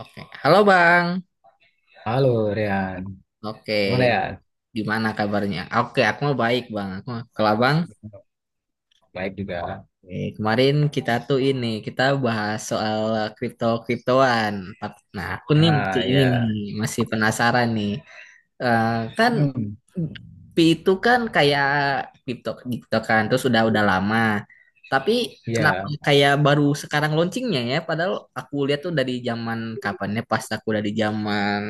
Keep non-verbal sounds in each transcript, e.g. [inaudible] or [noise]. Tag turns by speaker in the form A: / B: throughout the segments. A: Oke, halo Bang.
B: Halo Rian,
A: Oke,
B: gimana ya?
A: gimana kabarnya? Oke, aku mau baik Bang. Kalau Bang,
B: Baik juga.
A: nih, kemarin kita tuh ini kita bahas soal kripto kriptoan. Nah, aku nih masih
B: Ah
A: ini
B: ya.
A: nih, masih penasaran nih. Eh, Kan
B: Mm,
A: Pi itu kan kayak kripto gitu kan, terus udah lama. Tapi kenapa
B: ya.
A: kayak baru sekarang launchingnya ya? Padahal aku lihat tuh dari zaman kapan ya? Pas aku dari zaman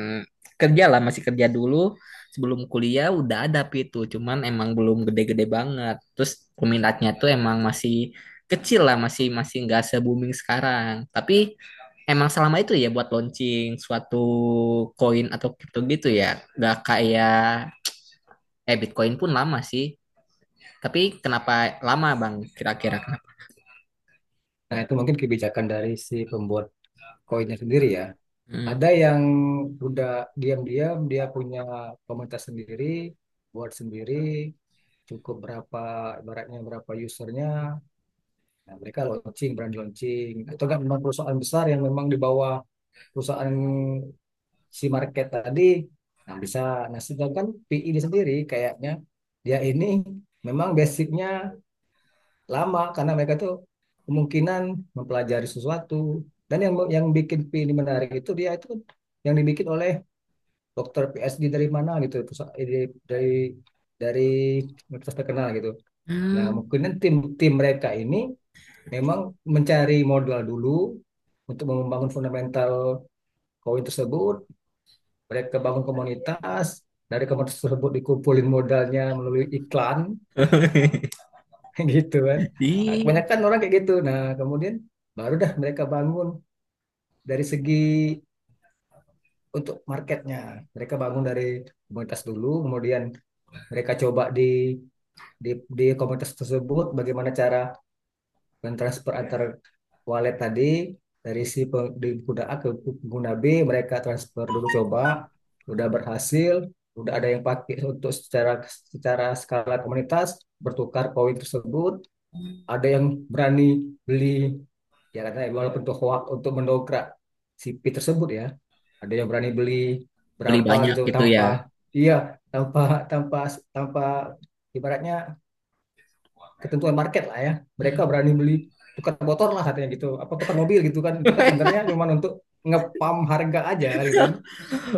A: kerja lah, masih kerja dulu. Sebelum kuliah udah ada Pi itu, cuman emang belum gede-gede banget. Terus peminatnya tuh emang masih kecil lah masih masih nggak se booming sekarang, tapi emang selama itu ya buat launching suatu koin atau kripto gitu ya nggak kayak Bitcoin pun lama sih, tapi kenapa lama bang kira-kira?
B: Nah itu mungkin kebijakan dari si pembuat koinnya sendiri ya.
A: Hmm.
B: Ada yang udah diam-diam dia punya komunitas sendiri, buat sendiri, cukup berapa ibaratnya berapa usernya. Nah, mereka launching, brand launching. Atau enggak memang perusahaan besar yang memang di bawah perusahaan si market tadi, nah bisa, nah sedangkan PI ini sendiri kayaknya dia ini memang basicnya lama karena mereka tuh kemungkinan mempelajari sesuatu, dan yang bikin PI ini menarik itu dia itu yang dibikin oleh dokter PSD dari mana gitu, dari dari dari universitas terkenal gitu. Nah
A: Hmm.
B: mungkin tim tim mereka ini memang mencari modal dulu untuk membangun fundamental koin tersebut. Mereka bangun komunitas, dari komunitas tersebut dikumpulin modalnya melalui iklan
A: [laughs]
B: [laughs] gitu kan. Nah,
A: Ih,
B: kebanyakan orang kayak gitu. Nah kemudian baru dah mereka bangun dari segi untuk marketnya, mereka bangun dari komunitas dulu, kemudian mereka coba di, di komunitas tersebut bagaimana cara, dan antar wallet tadi, dari si pengguna A ke pengguna B mereka transfer dulu coba. Udah berhasil, udah ada yang pakai untuk secara secara skala komunitas bertukar koin tersebut. Ada yang berani beli, ya katanya walaupun itu hoax untuk mendongkrak si P tersebut ya. Ada yang berani beli
A: beli
B: berapa
A: banyak
B: gitu
A: gitu ya?
B: tanpa, iya tanpa tanpa tanpa ibaratnya ketentuan market lah ya. Mereka berani beli, tukar motor lah katanya gitu, apa tukar mobil gitu kan. Itu kan
A: [laughs]
B: sebenarnya cuma untuk ngepam harga aja kan gitu kan.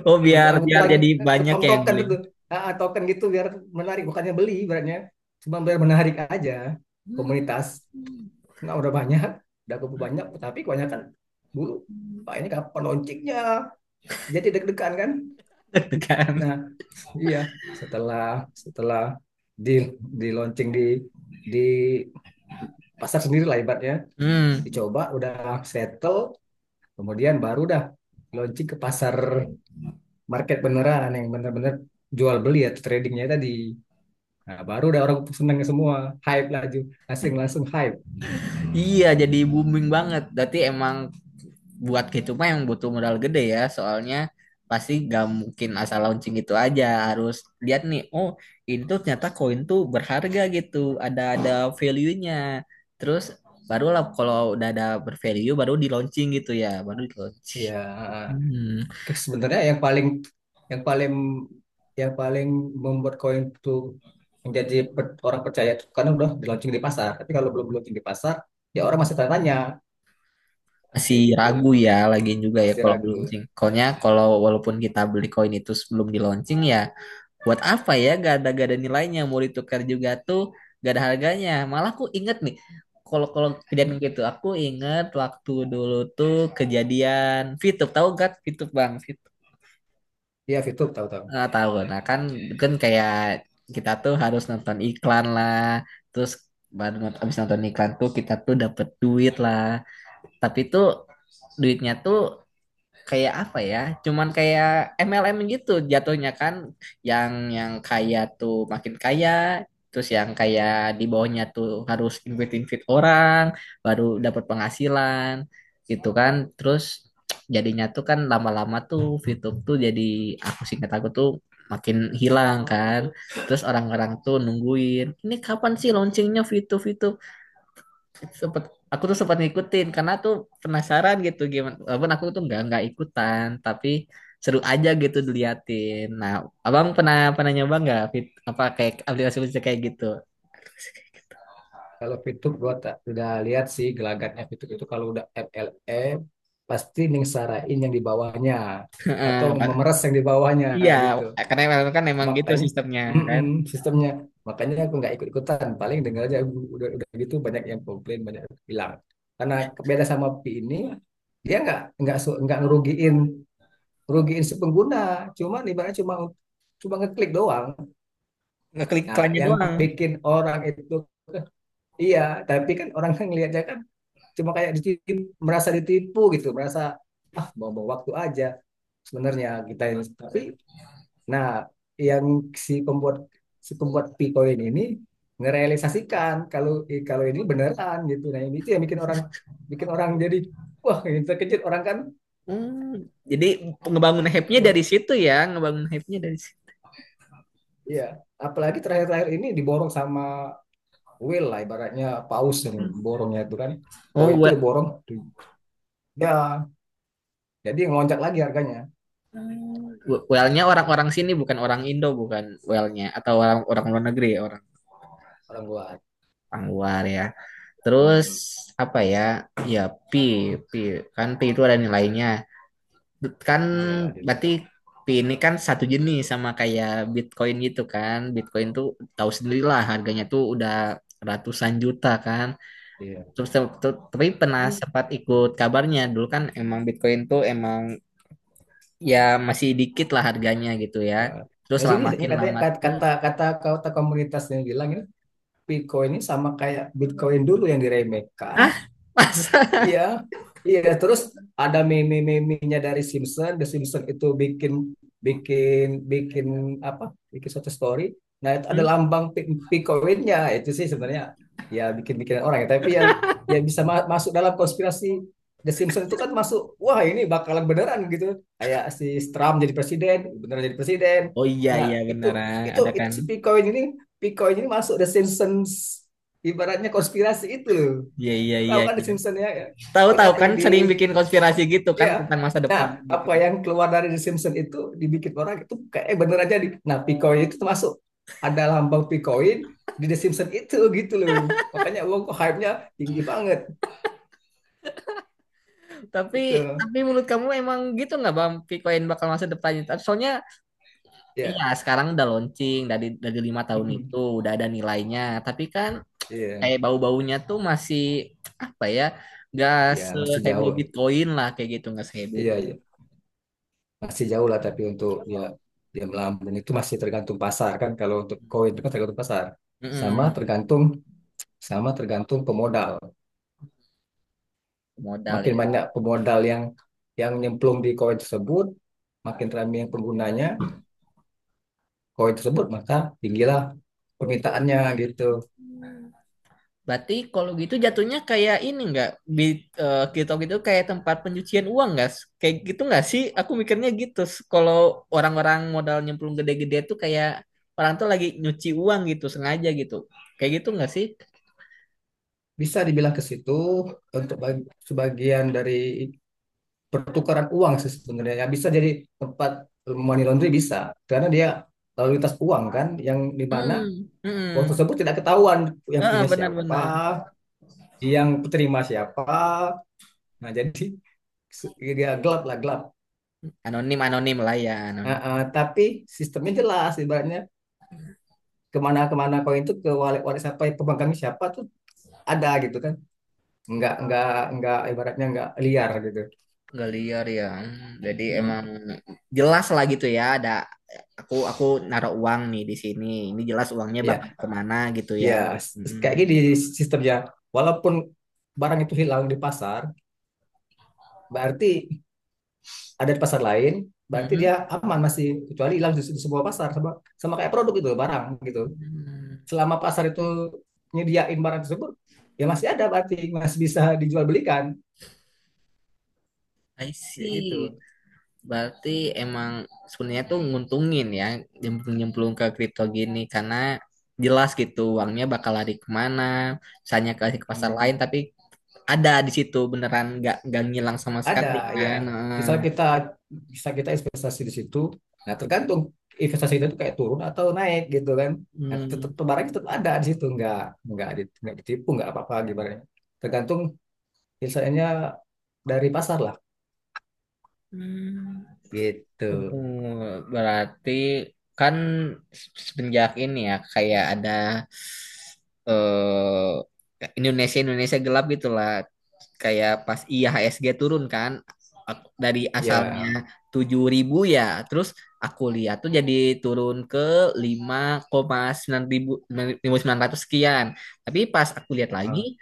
A: Oh,
B: Untuk
A: biar biar
B: bukan
A: jadi banyak
B: ngepam
A: yang
B: token
A: beli.
B: itu. Token gitu biar menarik, bukannya beli ibaratnya. Cuma biar menarik aja
A: Hmm.
B: komunitas. Nah, udah banyak, udah cukup banyak, tapi kebanyakan dulu. Pak ini kapan loncengnya? Jadi deg-degan kan?
A: [laughs] kan.
B: Nah, iya. Setelah setelah di di launching di di pasar sendiri lah ibaratnya,
A: Hmm,
B: dicoba udah settle, kemudian baru dah launching ke pasar, market beneran yang bener-bener jual beli ya, tradingnya tadi. Nah, baru dah orang seneng semua, hype laju, langsung langsung hype.
A: iya jadi booming banget berarti emang buat gitu mah yang butuh modal gede ya, soalnya pasti gak mungkin asal launching gitu aja, harus lihat nih, oh ini tuh ternyata koin tuh berharga gitu, ada value-nya, terus barulah kalau udah ada bervalue baru di launching gitu ya, baru di launching.
B: Iya.
A: Hmm,
B: Sebenarnya yang paling yang paling yang paling membuat koin itu menjadi orang percaya itu karena udah di launching di pasar. Tapi kalau belum launching di pasar, ya orang masih tanya-tanya
A: masih
B: kayak gitu,
A: ragu ya lagi juga ya
B: masih
A: kalau di
B: ragu.
A: launching. Soalnya kalau walaupun kita beli koin itu sebelum di launching ya buat apa ya, gak ada nilainya, mau ditukar juga tuh gak ada harganya. Malah aku inget nih kalau kalau kejadian gitu. Aku inget waktu dulu tuh kejadian Fitup, tahu gak Fitup bang? Fitup
B: Iya, VTube tahu-tahu.
A: nggak tahu? Nah kan, kan kayak kita tuh harus nonton iklan lah, terus baru abis nonton iklan tuh kita tuh dapet duit lah. Tapi tuh duitnya tuh kayak apa ya? Cuman kayak MLM gitu jatuhnya kan, yang yang kaya tuh makin kaya, terus yang kayak di bawahnya tuh harus invite-invite orang baru dapat penghasilan gitu kan. Terus jadinya tuh kan lama-lama tuh VTube tuh jadi aku singkat aku tuh makin hilang kan. Terus orang-orang tuh nungguin, ini kapan sih launchingnya VTube itu. Sempet aku tuh sempat ngikutin karena tuh penasaran gitu gimana, walaupun aku tuh nggak ikutan tapi seru aja gitu diliatin. Nah, abang pernah pernah nyoba nggak, apa kayak aplikasi aplikasi kayak gitu? [laughs]
B: Kalau VTube gua tak udah lihat sih gelagatnya. VTube itu kalau udah MLM pasti ningsarain yang di bawahnya, atau
A: Heeh,
B: memeras yang di bawahnya
A: iya
B: gitu.
A: karena emang- kan emang gitu
B: Makanya
A: sistemnya kan,
B: mm-mm, sistemnya, makanya aku nggak ikut-ikutan, paling dengar aja aku udah gitu banyak yang komplain, banyak yang bilang. Karena beda sama Pi ini, dia nggak nggak ngerugiin, ngerugiin si pengguna, cuman ibaratnya cuma, cuma ngeklik doang.
A: ngeklik
B: Nah,
A: iklannya
B: yang
A: doang.
B: bikin orang itu, iya, tapi kan orang kan ngelihatnya kan cuma kayak ditipu, merasa ditipu gitu, merasa ah bawa-bawa waktu aja sebenarnya kita ini. Tapi nah, yang si pembuat, si pembuat Picoin ini ngerealisasikan kalau kalau ini beneran gitu. Nah, ini itu yang bikin orang, bikin orang jadi wah, ini terkejut orang kan
A: Hmm, jadi ngebangun
B: kayak
A: hype-nya dari
B: gitu.
A: situ ya, ngebangun hype-nya dari situ.
B: Iya, apalagi terakhir-terakhir ini diborong sama whale lah, ibaratnya paus yang borongnya itu kan. Koin
A: Oh,
B: itu
A: well,
B: diborong tuh. Ya. Jadi ngelonjak lagi harganya
A: well-nya orang-orang sini bukan orang Indo, bukan well-nya, atau orang orang luar negeri, orang
B: orang luar.
A: orang luar ya. Terus
B: Mm-mm.
A: apa ya? Ya pi, pi kan pi itu ada nilainya. Kan
B: Iya, delay.
A: berarti pi ini kan satu jenis sama kayak Bitcoin gitu kan. Bitcoin tuh tahu sendirilah harganya tuh udah ratusan juta kan.
B: Iya.
A: Terus tapi pernah sempat ikut kabarnya dulu kan emang Bitcoin tuh emang ya masih dikit lah harganya gitu ya.
B: Nah,
A: Terus
B: ya
A: lah
B: sini katanya,
A: makin
B: kata
A: lama tuh
B: kata kata kata komunitasnya bilang ini Bitcoin ini sama kayak Bitcoin dulu yang diremehkan.
A: ah. [laughs] Masa?
B: Iya, iya. Terus ada meme-memenya dari Simpson. The Simpson itu bikin bikin bikin apa? Bikin suatu story. Nah, itu ada
A: Hmm?
B: lambang Picoinnya itu sih sebenarnya, ya bikin-bikin orang ya. Tapi ya, ya bisa masuk dalam konspirasi. The Simpson itu kan masuk, wah ini bakalan beneran gitu. Kayak si Trump jadi presiden, beneran jadi presiden.
A: Oh iya
B: Nah,
A: iya
B: itu
A: benar ah,
B: itu
A: ada
B: itu
A: kan.
B: si Picoin ini, Picoin ini masuk The Simpsons, ibaratnya konspirasi itu loh.
A: Iya iya
B: Tahu
A: iya
B: kan The
A: iya.
B: Simpsons ya? Ya. Pokoknya
A: Tahu-tahu
B: apa
A: kan
B: yang di,
A: sering bikin
B: pok-
A: konspirasi gitu kan
B: ya
A: tentang masa depan gitu.
B: apa yang keluar dari The Simpsons itu dibikin orang itu kayak eh, bener aja di. Nah, Picoin itu termasuk, ada lambang Picoin di The Simpsons itu gitu loh. Makanya uang kok hype-nya tinggi banget
A: Tapi
B: gitu.
A: tapi menurut kamu emang gitu nggak Bang Bitcoin bakal masa depannya? Soalnya ya
B: Ya.
A: sekarang udah launching dari 5 tahun itu
B: Mm.
A: udah ada nilainya. Tapi kan
B: Iya.
A: kayak bau-baunya tuh masih apa ya? Nggak
B: Ya, masih
A: seheboh
B: jauh.
A: Bitcoin lah kayak gitu, nggak seheboh.
B: Iya, iya. Masih jauh lah tapi untuk ya dia melambung itu masih tergantung pasar kan, kalau untuk koin itu kan tergantung pasar. Sama
A: Mm-mm,
B: tergantung sama tergantung pemodal.
A: modal
B: Makin
A: ya.
B: banyak pemodal yang nyemplung di koin tersebut, makin ramai yang penggunanya koin tersebut, maka tinggilah permintaannya gitu.
A: Berarti kalau gitu jatuhnya kayak ini nggak di TikTok itu kayak tempat pencucian uang nggak? Kayak gitu nggak sih? Aku mikirnya gitu. Kalau orang-orang modal nyemplung gede-gede tuh kayak orang tuh lagi nyuci uang gitu sengaja gitu. Kayak gitu nggak sih?
B: Bisa dibilang ke situ untuk sebagian dari pertukaran uang sih sebenarnya. Ya, bisa jadi tempat money laundry, bisa karena dia lalu lintas uang kan yang di mana
A: Hmm,
B: uang
A: hmm.
B: tersebut tidak ketahuan yang
A: Heeh,
B: punya siapa,
A: benar-benar.
B: yang penerima siapa. Nah, jadi [laughs] ya gelap lah, gelap.
A: Anonim anonim lah ya
B: Nah,
A: anonim.
B: tapi sistemnya jelas ibaratnya kemana-kemana koin itu ke wallet-wallet siapa, pemegang siapa tuh ada gitu kan. Nggak nggak nggak ibaratnya nggak liar gitu.
A: Nggak liar ya. Hmm, jadi emang
B: Mm.
A: jelas lah gitu ya. Ada aku naruh uang nih di sini. Ini jelas uangnya bakal
B: Ya,
A: kemana gitu ya.
B: ya,
A: Hmm.
B: kayak gini sistemnya, walaupun barang itu hilang di pasar, berarti ada di pasar lain, berarti
A: Hmm.
B: dia aman masih, kecuali hilang di, di sebuah pasar. Sama sama kayak produk itu barang gitu,
A: Hmm,
B: selama pasar itu nyediain barang tersebut, ya masih ada berarti masih bisa dijual belikan
A: I
B: kayak gitu.
A: see. Berarti emang sebenarnya tuh nguntungin ya nyemplung-nyemplung ke kripto gini, karena jelas gitu
B: Mm.
A: uangnya bakal lari kemana, misalnya ke pasar
B: Mm-mm.
A: lain, tapi ada di situ beneran nggak ngilang sama sekali
B: Ada ya,
A: kan. Heeh.
B: bisa kita bisa kita investasi di situ. Nah tergantung investasi itu kayak turun atau naik gitu kan. Nah tetap
A: Hmm.
B: barang tetap ada di situ, nggak nggak ditipu, nggak apa-apa gimana. Tergantung misalnya dari pasar lah
A: Hmm.
B: gitu.
A: Hmm, berarti kan semenjak ini ya kayak ada Indonesia Indonesia gelap gitulah kayak pas IHSG turun kan, dari
B: Ya,
A: asalnya 7.000 ya, terus aku lihat tuh jadi turun ke lima koma sembilan ribu sembilan ratus sekian, tapi pas aku lihat
B: eh,
A: lagi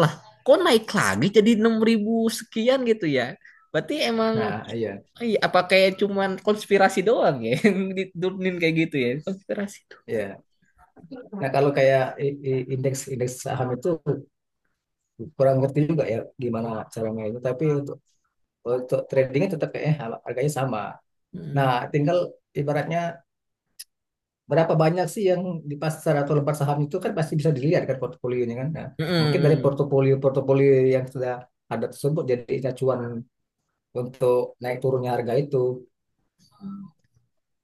A: lah kok naik lagi jadi 6.000 sekian gitu ya berarti emang.
B: nah iya
A: Iya, apa kayak cuman konspirasi doang ya? [laughs] Yang diturunin kayak gitu ya konspirasi tuh.
B: iya. Nah kalau kayak, indeks indeks saham itu kurang ngerti juga ya gimana cara mainnya. Tapi untuk tradingnya tetap kayaknya harganya sama.
A: Hmm.
B: Nah tinggal ibaratnya berapa banyak sih yang di pasar atau lembar saham itu kan pasti bisa dilihat kan portofolionya kan. Nah, mungkin dari
A: Mm-mm.
B: portofolio-portofolio yang sudah ada tersebut jadi acuan untuk naik turunnya harga itu.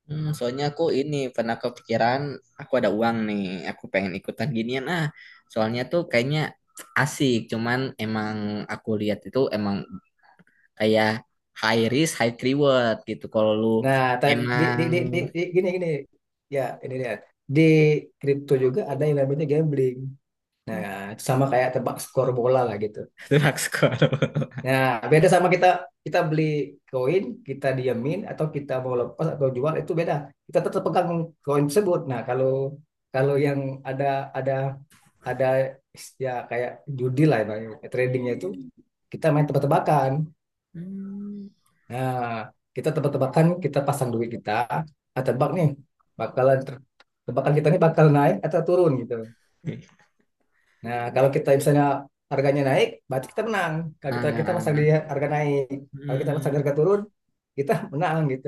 A: Hmm, soalnya aku ini pernah kepikiran aku ada uang nih, aku pengen ikutan ginian ah. Soalnya tuh kayaknya asik, cuman emang aku lihat itu emang kayak high risk high reward gitu. Kalau lu
B: Nah, tapi di,
A: emang
B: di, di, di, di gini gini, ya ini dia. Di kripto juga ada yang namanya gambling. Nah, sama kayak tebak skor bola lah gitu.
A: [laughs] drug squad.
B: Nah, beda sama kita, kita beli koin, kita diamin atau kita mau lepas atau jual itu beda. Kita tetap pegang koin tersebut. Nah, kalau kalau yang ada ada ada ya kayak judi lah ya, tradingnya itu kita main tebak-tebakan.
A: Hmm.
B: Nah, kita tebak-tebakan, kita pasang duit kita, ah, tebak nih bakalan tebakan kita ini bakal naik atau turun gitu. Nah, kalau kita misalnya harganya naik, berarti kita menang. Kalau kita kita pasang di
A: Nah,
B: harga naik, kalau kita pasang di
A: hmm,
B: harga turun, kita menang gitu.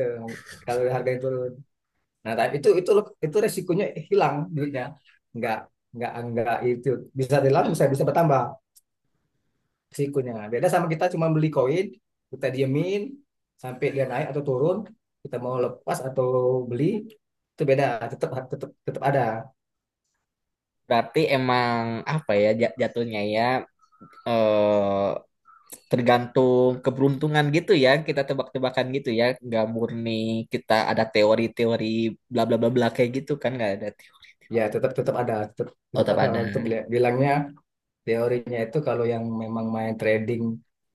B: Kalau harganya turun. Nah, tapi itu resikonya hilang duitnya. Enggak, enggak itu bisa hilang, bisa, bisa bertambah resikonya. Beda sama kita cuma beli koin, kita diemin sampai dia naik atau turun, kita mau lepas atau beli itu beda, tetap tetap tetap ada.
A: berarti emang apa ya jatuhnya ya? eh Tergantung keberuntungan gitu ya, kita tebak-tebakan gitu ya, nggak murni kita ada teori-teori bla bla bla bla kayak gitu kan, nggak ada teori.
B: Ya tetap tetap ada, tetap
A: Oh
B: tetap
A: tetap
B: ada
A: ada.
B: orang itu bilangnya. Teorinya itu kalau yang memang main trading,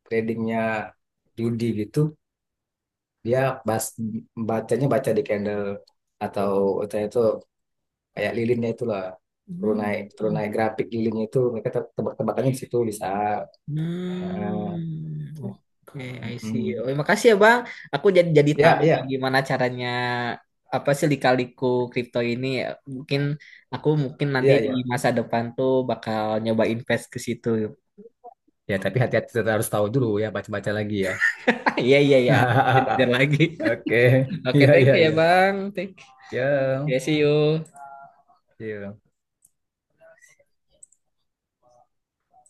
B: tradingnya judi gitu, dia bas, bacanya baca di candle, atau itu kayak lilinnya itulah,
A: Hmm.
B: tunai tunai grafik lilinnya itu mereka tebak-tebakannya di situ bisa. Nah,
A: Hmm. Oke, I see.
B: mm.
A: Oh, makasih ya bang, aku jadi tahu
B: Ya,
A: nih
B: ya,
A: gimana caranya, apa sih lika-liku kripto ini. Mungkin aku mungkin nanti
B: ya,
A: di
B: ya.
A: masa depan tuh bakal nyoba invest ke situ. [laughs]
B: Ya, tapi hati-hati, tetap harus tahu dulu ya, baca-baca lagi ya.
A: Iya iya iya aku belajar
B: [laughs]
A: lagi.
B: Oke,
A: [laughs] Oke,
B: iya,
A: thank
B: iya,
A: you ya
B: iya.
A: bang, thank you. Oke,
B: Ya,
A: see you.
B: ya.